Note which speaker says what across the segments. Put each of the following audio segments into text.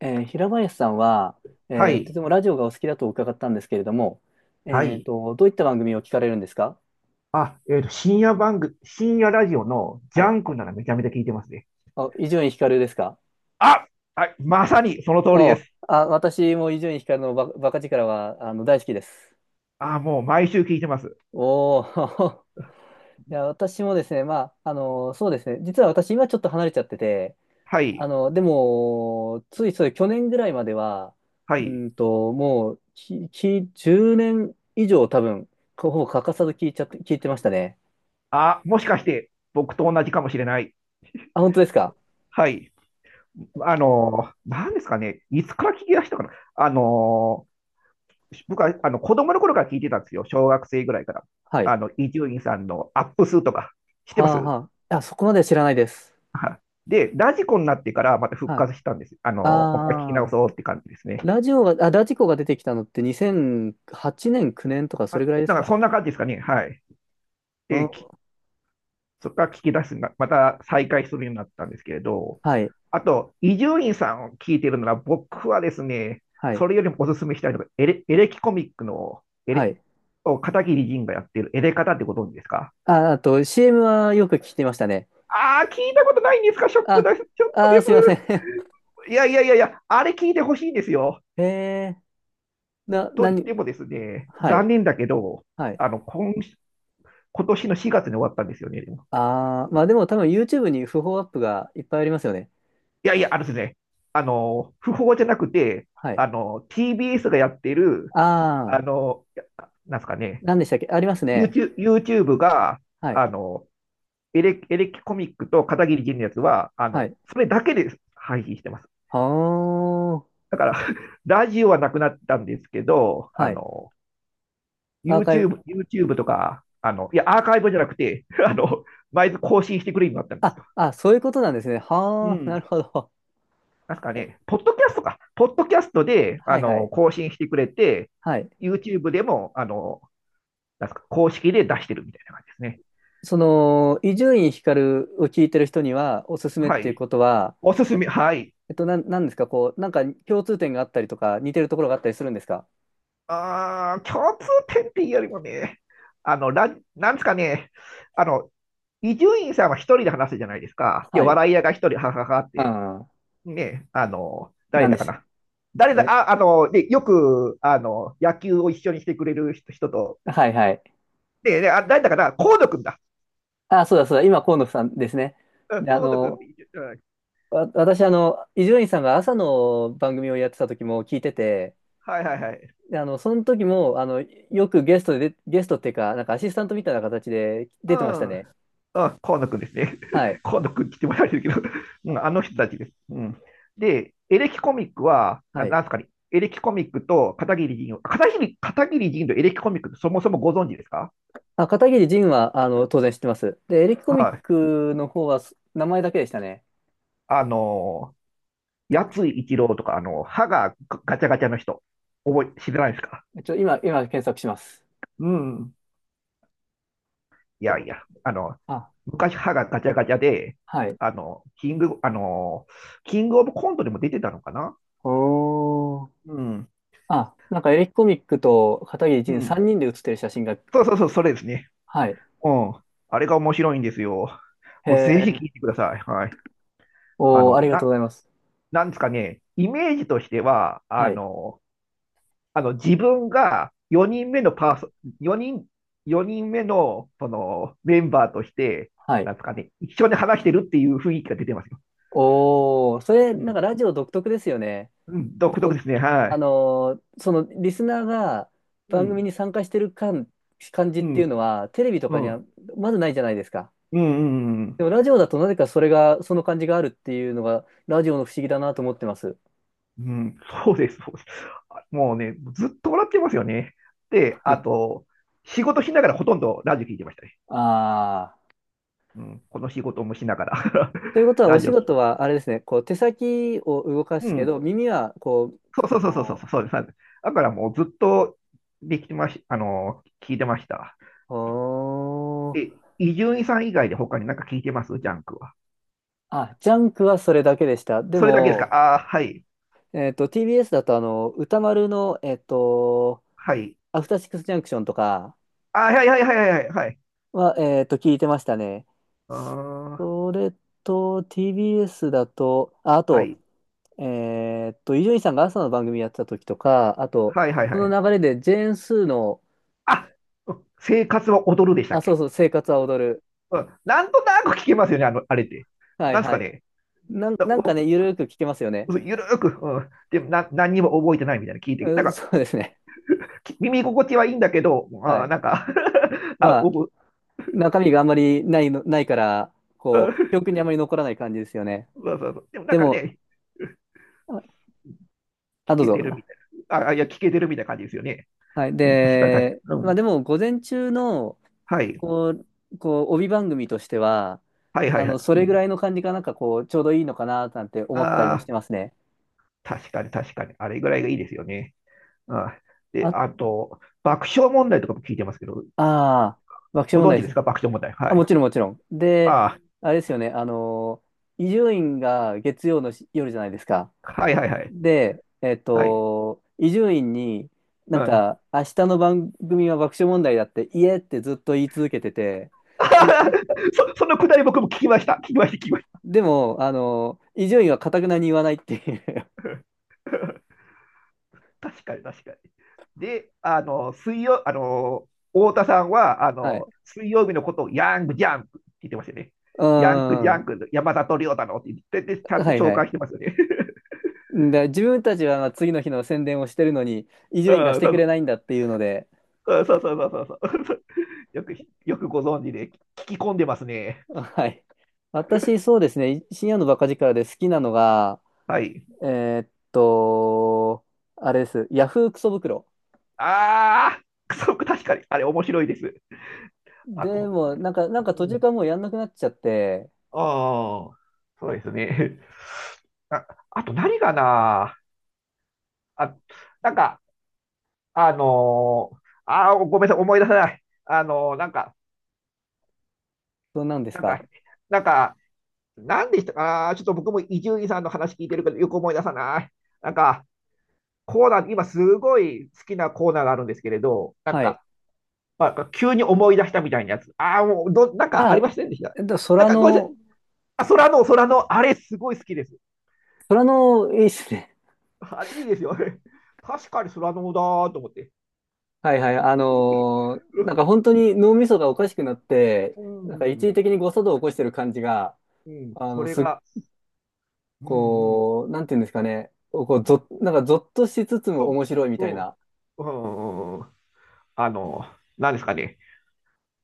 Speaker 1: 平林さんは、
Speaker 2: は
Speaker 1: と
Speaker 2: い。
Speaker 1: てもラジオがお好きだと伺ったんですけれども、
Speaker 2: はい。
Speaker 1: どういった番組を聞かれるんですか？
Speaker 2: あ、深夜番組、深夜ラジオのジ
Speaker 1: は
Speaker 2: ャ
Speaker 1: い。
Speaker 2: ンクならめちゃめちゃ聞いてますね。
Speaker 1: あ、伊集院光ですか？
Speaker 2: あ、はい。まさにその通りで
Speaker 1: お。
Speaker 2: す。
Speaker 1: あ、私も伊集院光のバカ力は大好きです。
Speaker 2: あ、もう毎週聞いてます。
Speaker 1: おー。 いや、私もですね、まあ、そうですね、実は私今ちょっと離れちゃってて、
Speaker 2: はい。
Speaker 1: でも、ついそう去年ぐらいまでは、
Speaker 2: はい。
Speaker 1: もう、10年以上多分、ほぼ欠かさず聞いてましたね。
Speaker 2: あ、もしかして僕と同じかもしれない。
Speaker 1: あ、本当ですか？
Speaker 2: はい。なんですかね。いつから聞き出したかな。あの僕は、子供の頃から聞いてたんですよ。小学生ぐらいから。
Speaker 1: はい。
Speaker 2: 伊集院さんのアップ数とか、知って
Speaker 1: は
Speaker 2: ま
Speaker 1: あ
Speaker 2: す？
Speaker 1: はあ。あ、そこまでは知らないです。
Speaker 2: はい。で、ラジコになってからまた復
Speaker 1: はい。
Speaker 2: 活したんです。もう一回聞き直
Speaker 1: ああ、
Speaker 2: そうって感じですね。
Speaker 1: ラジコが出てきたのって2008年、9年とかそれ
Speaker 2: あ、
Speaker 1: ぐらいです
Speaker 2: なんか
Speaker 1: か？
Speaker 2: そんな感じですかね。はい。
Speaker 1: う
Speaker 2: で、
Speaker 1: ん。
Speaker 2: そこから聞き出すな、また再開するようになったんですけれど、
Speaker 1: はい。
Speaker 2: あと、伊集院さんを聞いてるなら、僕はですね、
Speaker 1: はい。
Speaker 2: それよりもおすすめしたいのが、エレキコミックの、
Speaker 1: はい。
Speaker 2: を片桐仁がやってるエレカタってご存知ですか？
Speaker 1: あ、あと CM はよく聞いてましたね。
Speaker 2: ああー、聞いたことないんですか？ショック
Speaker 1: あ、
Speaker 2: です。ちょっとで
Speaker 1: すいません。
Speaker 2: す。いやいやいやいや、あれ聞いてほしいんですよ。
Speaker 1: へえ、
Speaker 2: と
Speaker 1: な
Speaker 2: 言っ
Speaker 1: に、
Speaker 2: てもですね、
Speaker 1: はい。
Speaker 2: 残念だけど、
Speaker 1: はい。
Speaker 2: あの、今、今年の4月に終わったんですよね。
Speaker 1: ああ、まあでも多分 YouTube に不法アップがいっぱいありますよね。
Speaker 2: いやいや、あのですね、不法じゃなくて、
Speaker 1: はい。
Speaker 2: TBS がやってる、あ
Speaker 1: ああ、
Speaker 2: の、いやなんですかね、
Speaker 1: 何でしたっけありますね。
Speaker 2: YouTube が、
Speaker 1: はい。
Speaker 2: あの、エレキコミックと片桐仁のやつは、
Speaker 1: はい。
Speaker 2: それだけで配信してます。
Speaker 1: はあ、
Speaker 2: だから、ラジオはなくなったんですけど、
Speaker 1: はい。アーカイブ。
Speaker 2: YouTube とか、アーカイブじゃなくて、毎日更新してくれるようになったんです
Speaker 1: あ、
Speaker 2: よ。
Speaker 1: あ、そういうことなんですね。
Speaker 2: う
Speaker 1: はあ、な
Speaker 2: ん。
Speaker 1: るほど。
Speaker 2: なんすか
Speaker 1: え、
Speaker 2: ね、ポッドキャストか。ポッドキャストで、
Speaker 1: はいはい。
Speaker 2: 更新してくれて、
Speaker 1: はい。
Speaker 2: YouTube でも、なんすか、公式で出してるみたいな感じですね。
Speaker 1: その、伊集院光を聞いてる人にはおすすめっ
Speaker 2: は
Speaker 1: ていう
Speaker 2: い。
Speaker 1: ことは、
Speaker 2: おすすめ、はい。
Speaker 1: なんですか、こう、なんか共通点があったりとか、似てるところがあったりするんですか？
Speaker 2: あー、共通点っていうよりもね、なんですかね、あの、伊集院さんは一人で話すじゃないですか。で、
Speaker 1: はい。
Speaker 2: 笑い屋が一人、ははははっ
Speaker 1: う
Speaker 2: て、
Speaker 1: ん。
Speaker 2: ね、誰
Speaker 1: なん
Speaker 2: だ
Speaker 1: で
Speaker 2: か
Speaker 1: す。
Speaker 2: な。誰だ、
Speaker 1: え、
Speaker 2: あ、あの、で、よく、野球を一緒にしてくれる人人と、
Speaker 1: はいはい。
Speaker 2: で、誰だかな、河野くんだ。
Speaker 1: あ、そうだそうだ。今、河野さんですね。
Speaker 2: うん、
Speaker 1: で、
Speaker 2: 河野君って言って、うん、は
Speaker 1: 私、伊集院さんが朝の番組をやってた時も聞いてて、
Speaker 2: いはいはい。
Speaker 1: でその時も、よくゲストで、ゲストっていうか、なんかアシスタントみたいな形で
Speaker 2: う
Speaker 1: 出てました
Speaker 2: ん、うん、
Speaker 1: ね。
Speaker 2: 河野君ですね。
Speaker 1: はい。
Speaker 2: 河野君来てもらえるけど、うん、あの人たちです。うん、で、エレキコミックは、
Speaker 1: はい。
Speaker 2: なんですかね、エレキコミックと片桐仁を、片桐仁とエレキコミックってそもそもご存知ですか？
Speaker 1: あ、片桐仁は、当然知ってます。で、エレキコミッ
Speaker 2: はい。
Speaker 1: クの方は、名前だけでしたね。
Speaker 2: あの八津一郎とか、歯がガチャガチャの人、知らないですか？
Speaker 1: 今検索します。
Speaker 2: うん。いやいや、
Speaker 1: あ、
Speaker 2: 昔歯がガチャガチャで、
Speaker 1: はい。
Speaker 2: あの、キング、あの、キングオブコントでも出てたのかな？
Speaker 1: おー。
Speaker 2: うん。
Speaker 1: あ、なんかエレキコミックと片桐
Speaker 2: う
Speaker 1: 仁
Speaker 2: ん。
Speaker 1: 3人で写ってる写真が、
Speaker 2: そうそうそう、それですね。
Speaker 1: はい。
Speaker 2: うん。あれが面白いんですよ。
Speaker 1: へ
Speaker 2: もうぜひ
Speaker 1: え。
Speaker 2: 聞いてください。はい。あ
Speaker 1: おー、あ
Speaker 2: の、
Speaker 1: りがと
Speaker 2: な、
Speaker 1: うございます。
Speaker 2: なんですかね、イメージとしては、
Speaker 1: はい。
Speaker 2: 自分が4人目のパーソ、4人、4人目の、その、メンバーとして、
Speaker 1: はい。
Speaker 2: なんですかね、一緒に話してるっていう雰囲気が出てますよ。
Speaker 1: おー、それ、
Speaker 2: う
Speaker 1: なんか
Speaker 2: ん。
Speaker 1: ラジオ独特ですよね。
Speaker 2: うん、独特で
Speaker 1: こ、
Speaker 2: すね。はい。
Speaker 1: そのリスナーが
Speaker 2: う
Speaker 1: 番組
Speaker 2: ん。
Speaker 1: に参加してる感じ
Speaker 2: う
Speaker 1: っていう
Speaker 2: ん。
Speaker 1: のは、テレビと
Speaker 2: う
Speaker 1: かには
Speaker 2: ん。
Speaker 1: まずないじゃないですか。
Speaker 2: うん。うん。うん
Speaker 1: でもラジオだとなぜかそれが、その感じがあるっていうのが、ラジオの不思議だなと思ってます。
Speaker 2: うん、そうです、そうです。あもうね、ずっと笑ってますよね。で、あ と、仕事しながらほとんどラジオ聞いてましたね。
Speaker 1: ああ、
Speaker 2: うん、この仕事もしながら
Speaker 1: ということ は、お
Speaker 2: ラジ
Speaker 1: 仕
Speaker 2: オ聞
Speaker 1: 事はあれですね、こう手先を動か
Speaker 2: う
Speaker 1: すけ
Speaker 2: ん、
Speaker 1: ど、耳はこう、
Speaker 2: そ
Speaker 1: か
Speaker 2: うそうそうそう
Speaker 1: こ
Speaker 2: そう、そうです。そうです。だからもうずっとできてまし、あの、聞いてました。
Speaker 1: う、おー。
Speaker 2: え、伊集院さん以外で他になんか聞いてますジャンクは？
Speaker 1: あ、ジャンクはそれだけでした。で
Speaker 2: それだけですか？
Speaker 1: も、
Speaker 2: ああー、はい、
Speaker 1: TBS だと歌丸の、
Speaker 2: はい。
Speaker 1: アフターシックスジャンクションとか、
Speaker 2: あーはいはいはいはいはい。はい
Speaker 1: は、えっと、聞いてましたね。
Speaker 2: あ
Speaker 1: それと、TBS だと、あ、あ
Speaker 2: は
Speaker 1: と、
Speaker 2: い、
Speaker 1: 伊集院さんが朝の番組やってた時とか、あと、
Speaker 2: はいはい
Speaker 1: そ
Speaker 2: は
Speaker 1: の
Speaker 2: い。
Speaker 1: 流れで、ジェーン・スーの、
Speaker 2: あ、生活は踊るでしたっ
Speaker 1: あ、そう
Speaker 2: け？
Speaker 1: そう、生活は踊る。
Speaker 2: うん、なんとなく聞けますよね、あれって。
Speaker 1: はい
Speaker 2: なんです
Speaker 1: は
Speaker 2: か
Speaker 1: い。
Speaker 2: ね。だ
Speaker 1: なんか
Speaker 2: お
Speaker 1: ね、ゆるーく聞けますよね。
Speaker 2: ゆるーく、うん、何にも覚えてないみたいな聞いて、
Speaker 1: う
Speaker 2: なん
Speaker 1: ん、
Speaker 2: か、
Speaker 1: そうですね。
Speaker 2: 耳心地はいいんだけど、
Speaker 1: は
Speaker 2: あー
Speaker 1: い。
Speaker 2: なんか
Speaker 1: まあ、
Speaker 2: う
Speaker 1: 中身があんまりないの、ないから、
Speaker 2: ん
Speaker 1: こう、記憶にあまり残らない感じですよね。
Speaker 2: そうそうそう。でもなん
Speaker 1: で
Speaker 2: か
Speaker 1: も、
Speaker 2: ね、
Speaker 1: あ、あ、
Speaker 2: 聞
Speaker 1: どう
Speaker 2: けてる
Speaker 1: ぞ。
Speaker 2: みたいな。いや、聞けてるみたいな感じですよね。
Speaker 1: はい。
Speaker 2: うん、確かに確か
Speaker 1: で、
Speaker 2: に。う
Speaker 1: まあ
Speaker 2: ん。
Speaker 1: でも、午前中の、
Speaker 2: はい。
Speaker 1: こう、帯番組としては、
Speaker 2: はいはいはい。
Speaker 1: そ
Speaker 2: う
Speaker 1: れぐ
Speaker 2: ん。
Speaker 1: らいの感じがなんかこう、ちょうどいいのかな、なんて思ったり
Speaker 2: あ
Speaker 1: もし
Speaker 2: あ、
Speaker 1: てますね。
Speaker 2: 確かに確かに。あれぐらいがいいですよね。うん。で、
Speaker 1: あ、
Speaker 2: あと、爆笑問題とかも聞いてますけど、
Speaker 1: ああ、爆笑
Speaker 2: ご
Speaker 1: 問
Speaker 2: 存
Speaker 1: 題
Speaker 2: 知
Speaker 1: で
Speaker 2: です
Speaker 1: す。
Speaker 2: か？爆笑問題。は
Speaker 1: あ、も
Speaker 2: い。
Speaker 1: ちろんもちろん。で、
Speaker 2: あ
Speaker 1: あれですよね、伊集院が月曜の夜じゃないですか。
Speaker 2: あ、はいはいはい。
Speaker 1: で、
Speaker 2: はい。
Speaker 1: 伊集院に、なん
Speaker 2: はい。
Speaker 1: か、明日の番組は爆笑問題だって、いえってずっと言い続けてて、でも、
Speaker 2: そのくだり僕も聞きました。聞きました、聞きまし
Speaker 1: でも、伊集院はかたくなに言わないっていう。
Speaker 2: た。確かに、確かに。で、あの、水曜、あの、太田さんは、
Speaker 1: はい。
Speaker 2: 水曜日のことをヤングジャンクって言ってましたね。
Speaker 1: う
Speaker 2: ヤングジャ
Speaker 1: ん。
Speaker 2: ンク、山里亮太のって言ってでちゃんと
Speaker 1: はい
Speaker 2: 紹
Speaker 1: は
Speaker 2: 介
Speaker 1: い。
Speaker 2: してますよね。
Speaker 1: んで自分たちはまあ次の日の宣伝をしてるのに、伊 集院がし
Speaker 2: うん、
Speaker 1: て
Speaker 2: そ
Speaker 1: くれ
Speaker 2: う
Speaker 1: ないんだっていうので、
Speaker 2: そうそうそうそうそうそう。よく、よくご存知で、聞き込んでますね。
Speaker 1: はい。私、そうですね、深夜のバカ力で好きなのが、
Speaker 2: はい。
Speaker 1: えーっと、あれです、ヤフークソ袋。
Speaker 2: ああ、そう、確かに、あれ面白いです。あ
Speaker 1: で
Speaker 2: と、
Speaker 1: も、なんか
Speaker 2: う
Speaker 1: 途中
Speaker 2: ん
Speaker 1: からもうやんなくなっちゃって、
Speaker 2: ああ、そうですね。あ、あと何かな？あ、なんか、あのーごめんなさい、思い出せない。なんか、
Speaker 1: そうなんです
Speaker 2: なん
Speaker 1: か。
Speaker 2: か、なんか、なんでしたかな？ちょっと僕も伊集院さんの話聞いてるけど、よく思い出さない。なんか、コーナー、今すごい好きなコーナーがあるんですけれど、なん
Speaker 1: はい。
Speaker 2: か、まあ、急に思い出したみたいなやつ。ああ、もう、ど、なんかあり
Speaker 1: あ、
Speaker 2: ませんでした。
Speaker 1: えっと、
Speaker 2: なん
Speaker 1: 空
Speaker 2: か、ごめんなさい。
Speaker 1: の、
Speaker 2: あ、空の、あれすごい好きです。
Speaker 1: 空の、いいっすね。
Speaker 2: あれいいですよね。確かにスラノーだーと思って。
Speaker 1: はいはい。なんか 本当に脳みそがおかしくなって、
Speaker 2: う
Speaker 1: なんか一時
Speaker 2: ん、
Speaker 1: 的に誤作動を起こしてる感じが、
Speaker 2: うん、
Speaker 1: あ
Speaker 2: そ
Speaker 1: の、
Speaker 2: れ
Speaker 1: すっ
Speaker 2: が、うん、うん、
Speaker 1: こう、なんていうんですかね、こ
Speaker 2: う
Speaker 1: う、
Speaker 2: ん、
Speaker 1: なんか、ぞっとしつつ
Speaker 2: そ
Speaker 1: も面白いみ
Speaker 2: う、う
Speaker 1: たいな。
Speaker 2: ん、うん、あの、なんですかね、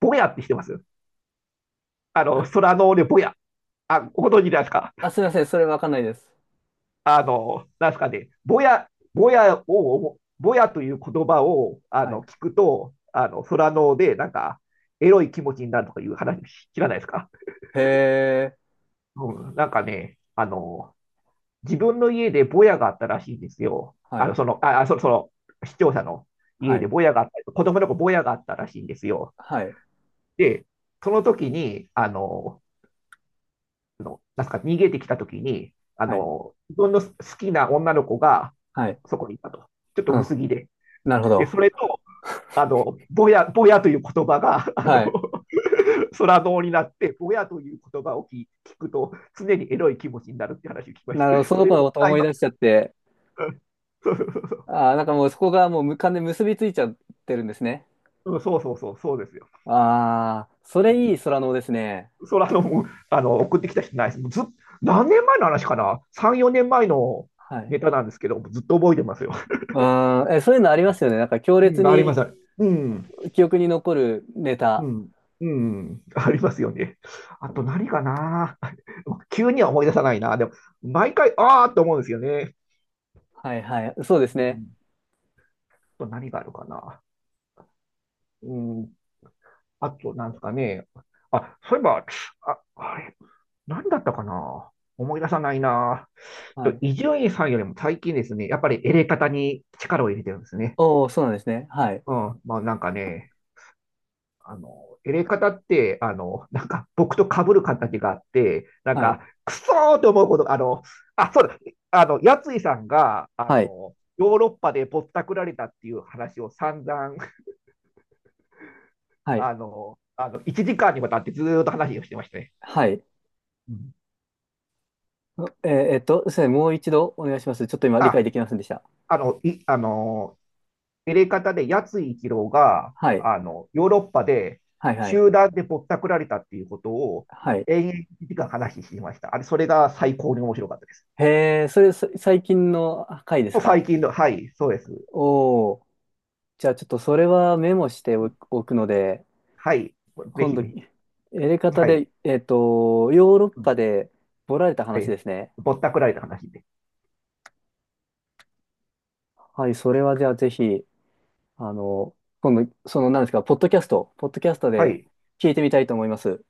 Speaker 2: ぼやってしてます。あ
Speaker 1: な、
Speaker 2: の、スラノーでぼや。あ、ご存知ですか？
Speaker 1: あ、すいません、それわかんないです。
Speaker 2: なんですかね、ぼやという言葉をあ
Speaker 1: は
Speaker 2: の
Speaker 1: い。
Speaker 2: 聞くと、空ので、なんか、エロい気持ちになるとかいう話知らないですか？
Speaker 1: へえ、
Speaker 2: うん、なんかね、自分の家でボヤがあったらしいんですよ。
Speaker 1: はい、
Speaker 2: その、視聴者の
Speaker 1: は
Speaker 2: 家で
Speaker 1: い、
Speaker 2: ボヤがあった、子供のボヤがあったらしいんですよ。
Speaker 1: はい、
Speaker 2: で、その時に、なんすか逃げてきた時に、
Speaker 1: はい、
Speaker 2: 自分の好きな女の子が
Speaker 1: はい。
Speaker 2: そこにいたと。ちょっと
Speaker 1: うん、
Speaker 2: 薄着で。
Speaker 1: なるほ
Speaker 2: で、そ
Speaker 1: ど。
Speaker 2: れと、ボヤボヤという言葉が、
Speaker 1: はい。
Speaker 2: 空洞になって、ボヤという言葉を聞くと、常にエロい気持ちになるって話を聞きまし
Speaker 1: なるほど、
Speaker 2: た。
Speaker 1: そ
Speaker 2: そ
Speaker 1: の
Speaker 2: れ
Speaker 1: 子
Speaker 2: を、
Speaker 1: のこ と
Speaker 2: あ
Speaker 1: 思い
Speaker 2: 今、
Speaker 1: 出しちゃって、
Speaker 2: そ
Speaker 1: あー、なんかもうそこがもう無関で結びついちゃってるんですね。
Speaker 2: うんそうそうそう、そうですよ。
Speaker 1: ああ、そ
Speaker 2: う
Speaker 1: れい
Speaker 2: ん、
Speaker 1: い空能ですね。
Speaker 2: それあの、もうあの、送ってきた人ないです。ずっ、何年前の話かな？ 3、4年前の
Speaker 1: はい。
Speaker 2: ネタなんですけど、ずっと覚えてますよ。
Speaker 1: あーえ、そういうのありますよね。なんか強
Speaker 2: う
Speaker 1: 烈
Speaker 2: ん、ありま
Speaker 1: に
Speaker 2: す。うん、
Speaker 1: 記憶に残るネタ。
Speaker 2: うん、うん、ありますよね。あと何かな？ 急には思い出さないな。でも、毎回、ああって思うんですよね。
Speaker 1: はいはい。そうです
Speaker 2: う
Speaker 1: ね。
Speaker 2: んあと何があるかな？うん、あと、なんですかね。あ、そういえば、あ、あれ、何だったかな？思い出さないな。ち
Speaker 1: は
Speaker 2: ょっと
Speaker 1: い。
Speaker 2: 伊集院さんよりも最近ですね、やっぱりエレカタに力を入れてるんですね。
Speaker 1: おー、そうなんですね。はい。
Speaker 2: うん。まあなんかね、あの、エレカタって、なんか僕と被る形があって、なん
Speaker 1: はい。
Speaker 2: か、くそーと思うことが、あの、あ、そうだ、あの、やついさんが、
Speaker 1: はい。
Speaker 2: ヨーロッパでぼったくられたっていう話を散々、
Speaker 1: はい。
Speaker 2: 1時間にわたってずーっと話をしてましたね。
Speaker 1: はい。
Speaker 2: うん
Speaker 1: すいませんもう一度お願いします。ちょっと今理解
Speaker 2: あ、
Speaker 1: できませんでした。
Speaker 2: あの、い、あの、入れ方で、やつい一郎が、
Speaker 1: はい。
Speaker 2: ヨーロッパで
Speaker 1: はい、はい。
Speaker 2: 集団でぼったくられたっていうことを、
Speaker 1: はい。
Speaker 2: 延々1時間話していました。あれ、それが最高に面白かったです。
Speaker 1: へえ、それ、最近の回です
Speaker 2: もう
Speaker 1: か？
Speaker 2: 最近の、はい、そうです。
Speaker 1: おー。じゃあちょっとそれはメモしておくので、
Speaker 2: はい、ぜ
Speaker 1: 今
Speaker 2: ひ
Speaker 1: 度、
Speaker 2: ぜひ。
Speaker 1: やり方
Speaker 2: はい。
Speaker 1: で、ヨーロッ
Speaker 2: うん
Speaker 1: パでボラれた
Speaker 2: は
Speaker 1: 話
Speaker 2: い。
Speaker 1: ですね。
Speaker 2: ぼったくられた話で。
Speaker 1: はい、それはじゃあぜひ、あの、今度、何ですか、ポッドキャスト
Speaker 2: は
Speaker 1: で
Speaker 2: い。
Speaker 1: 聞いてみたいと思います。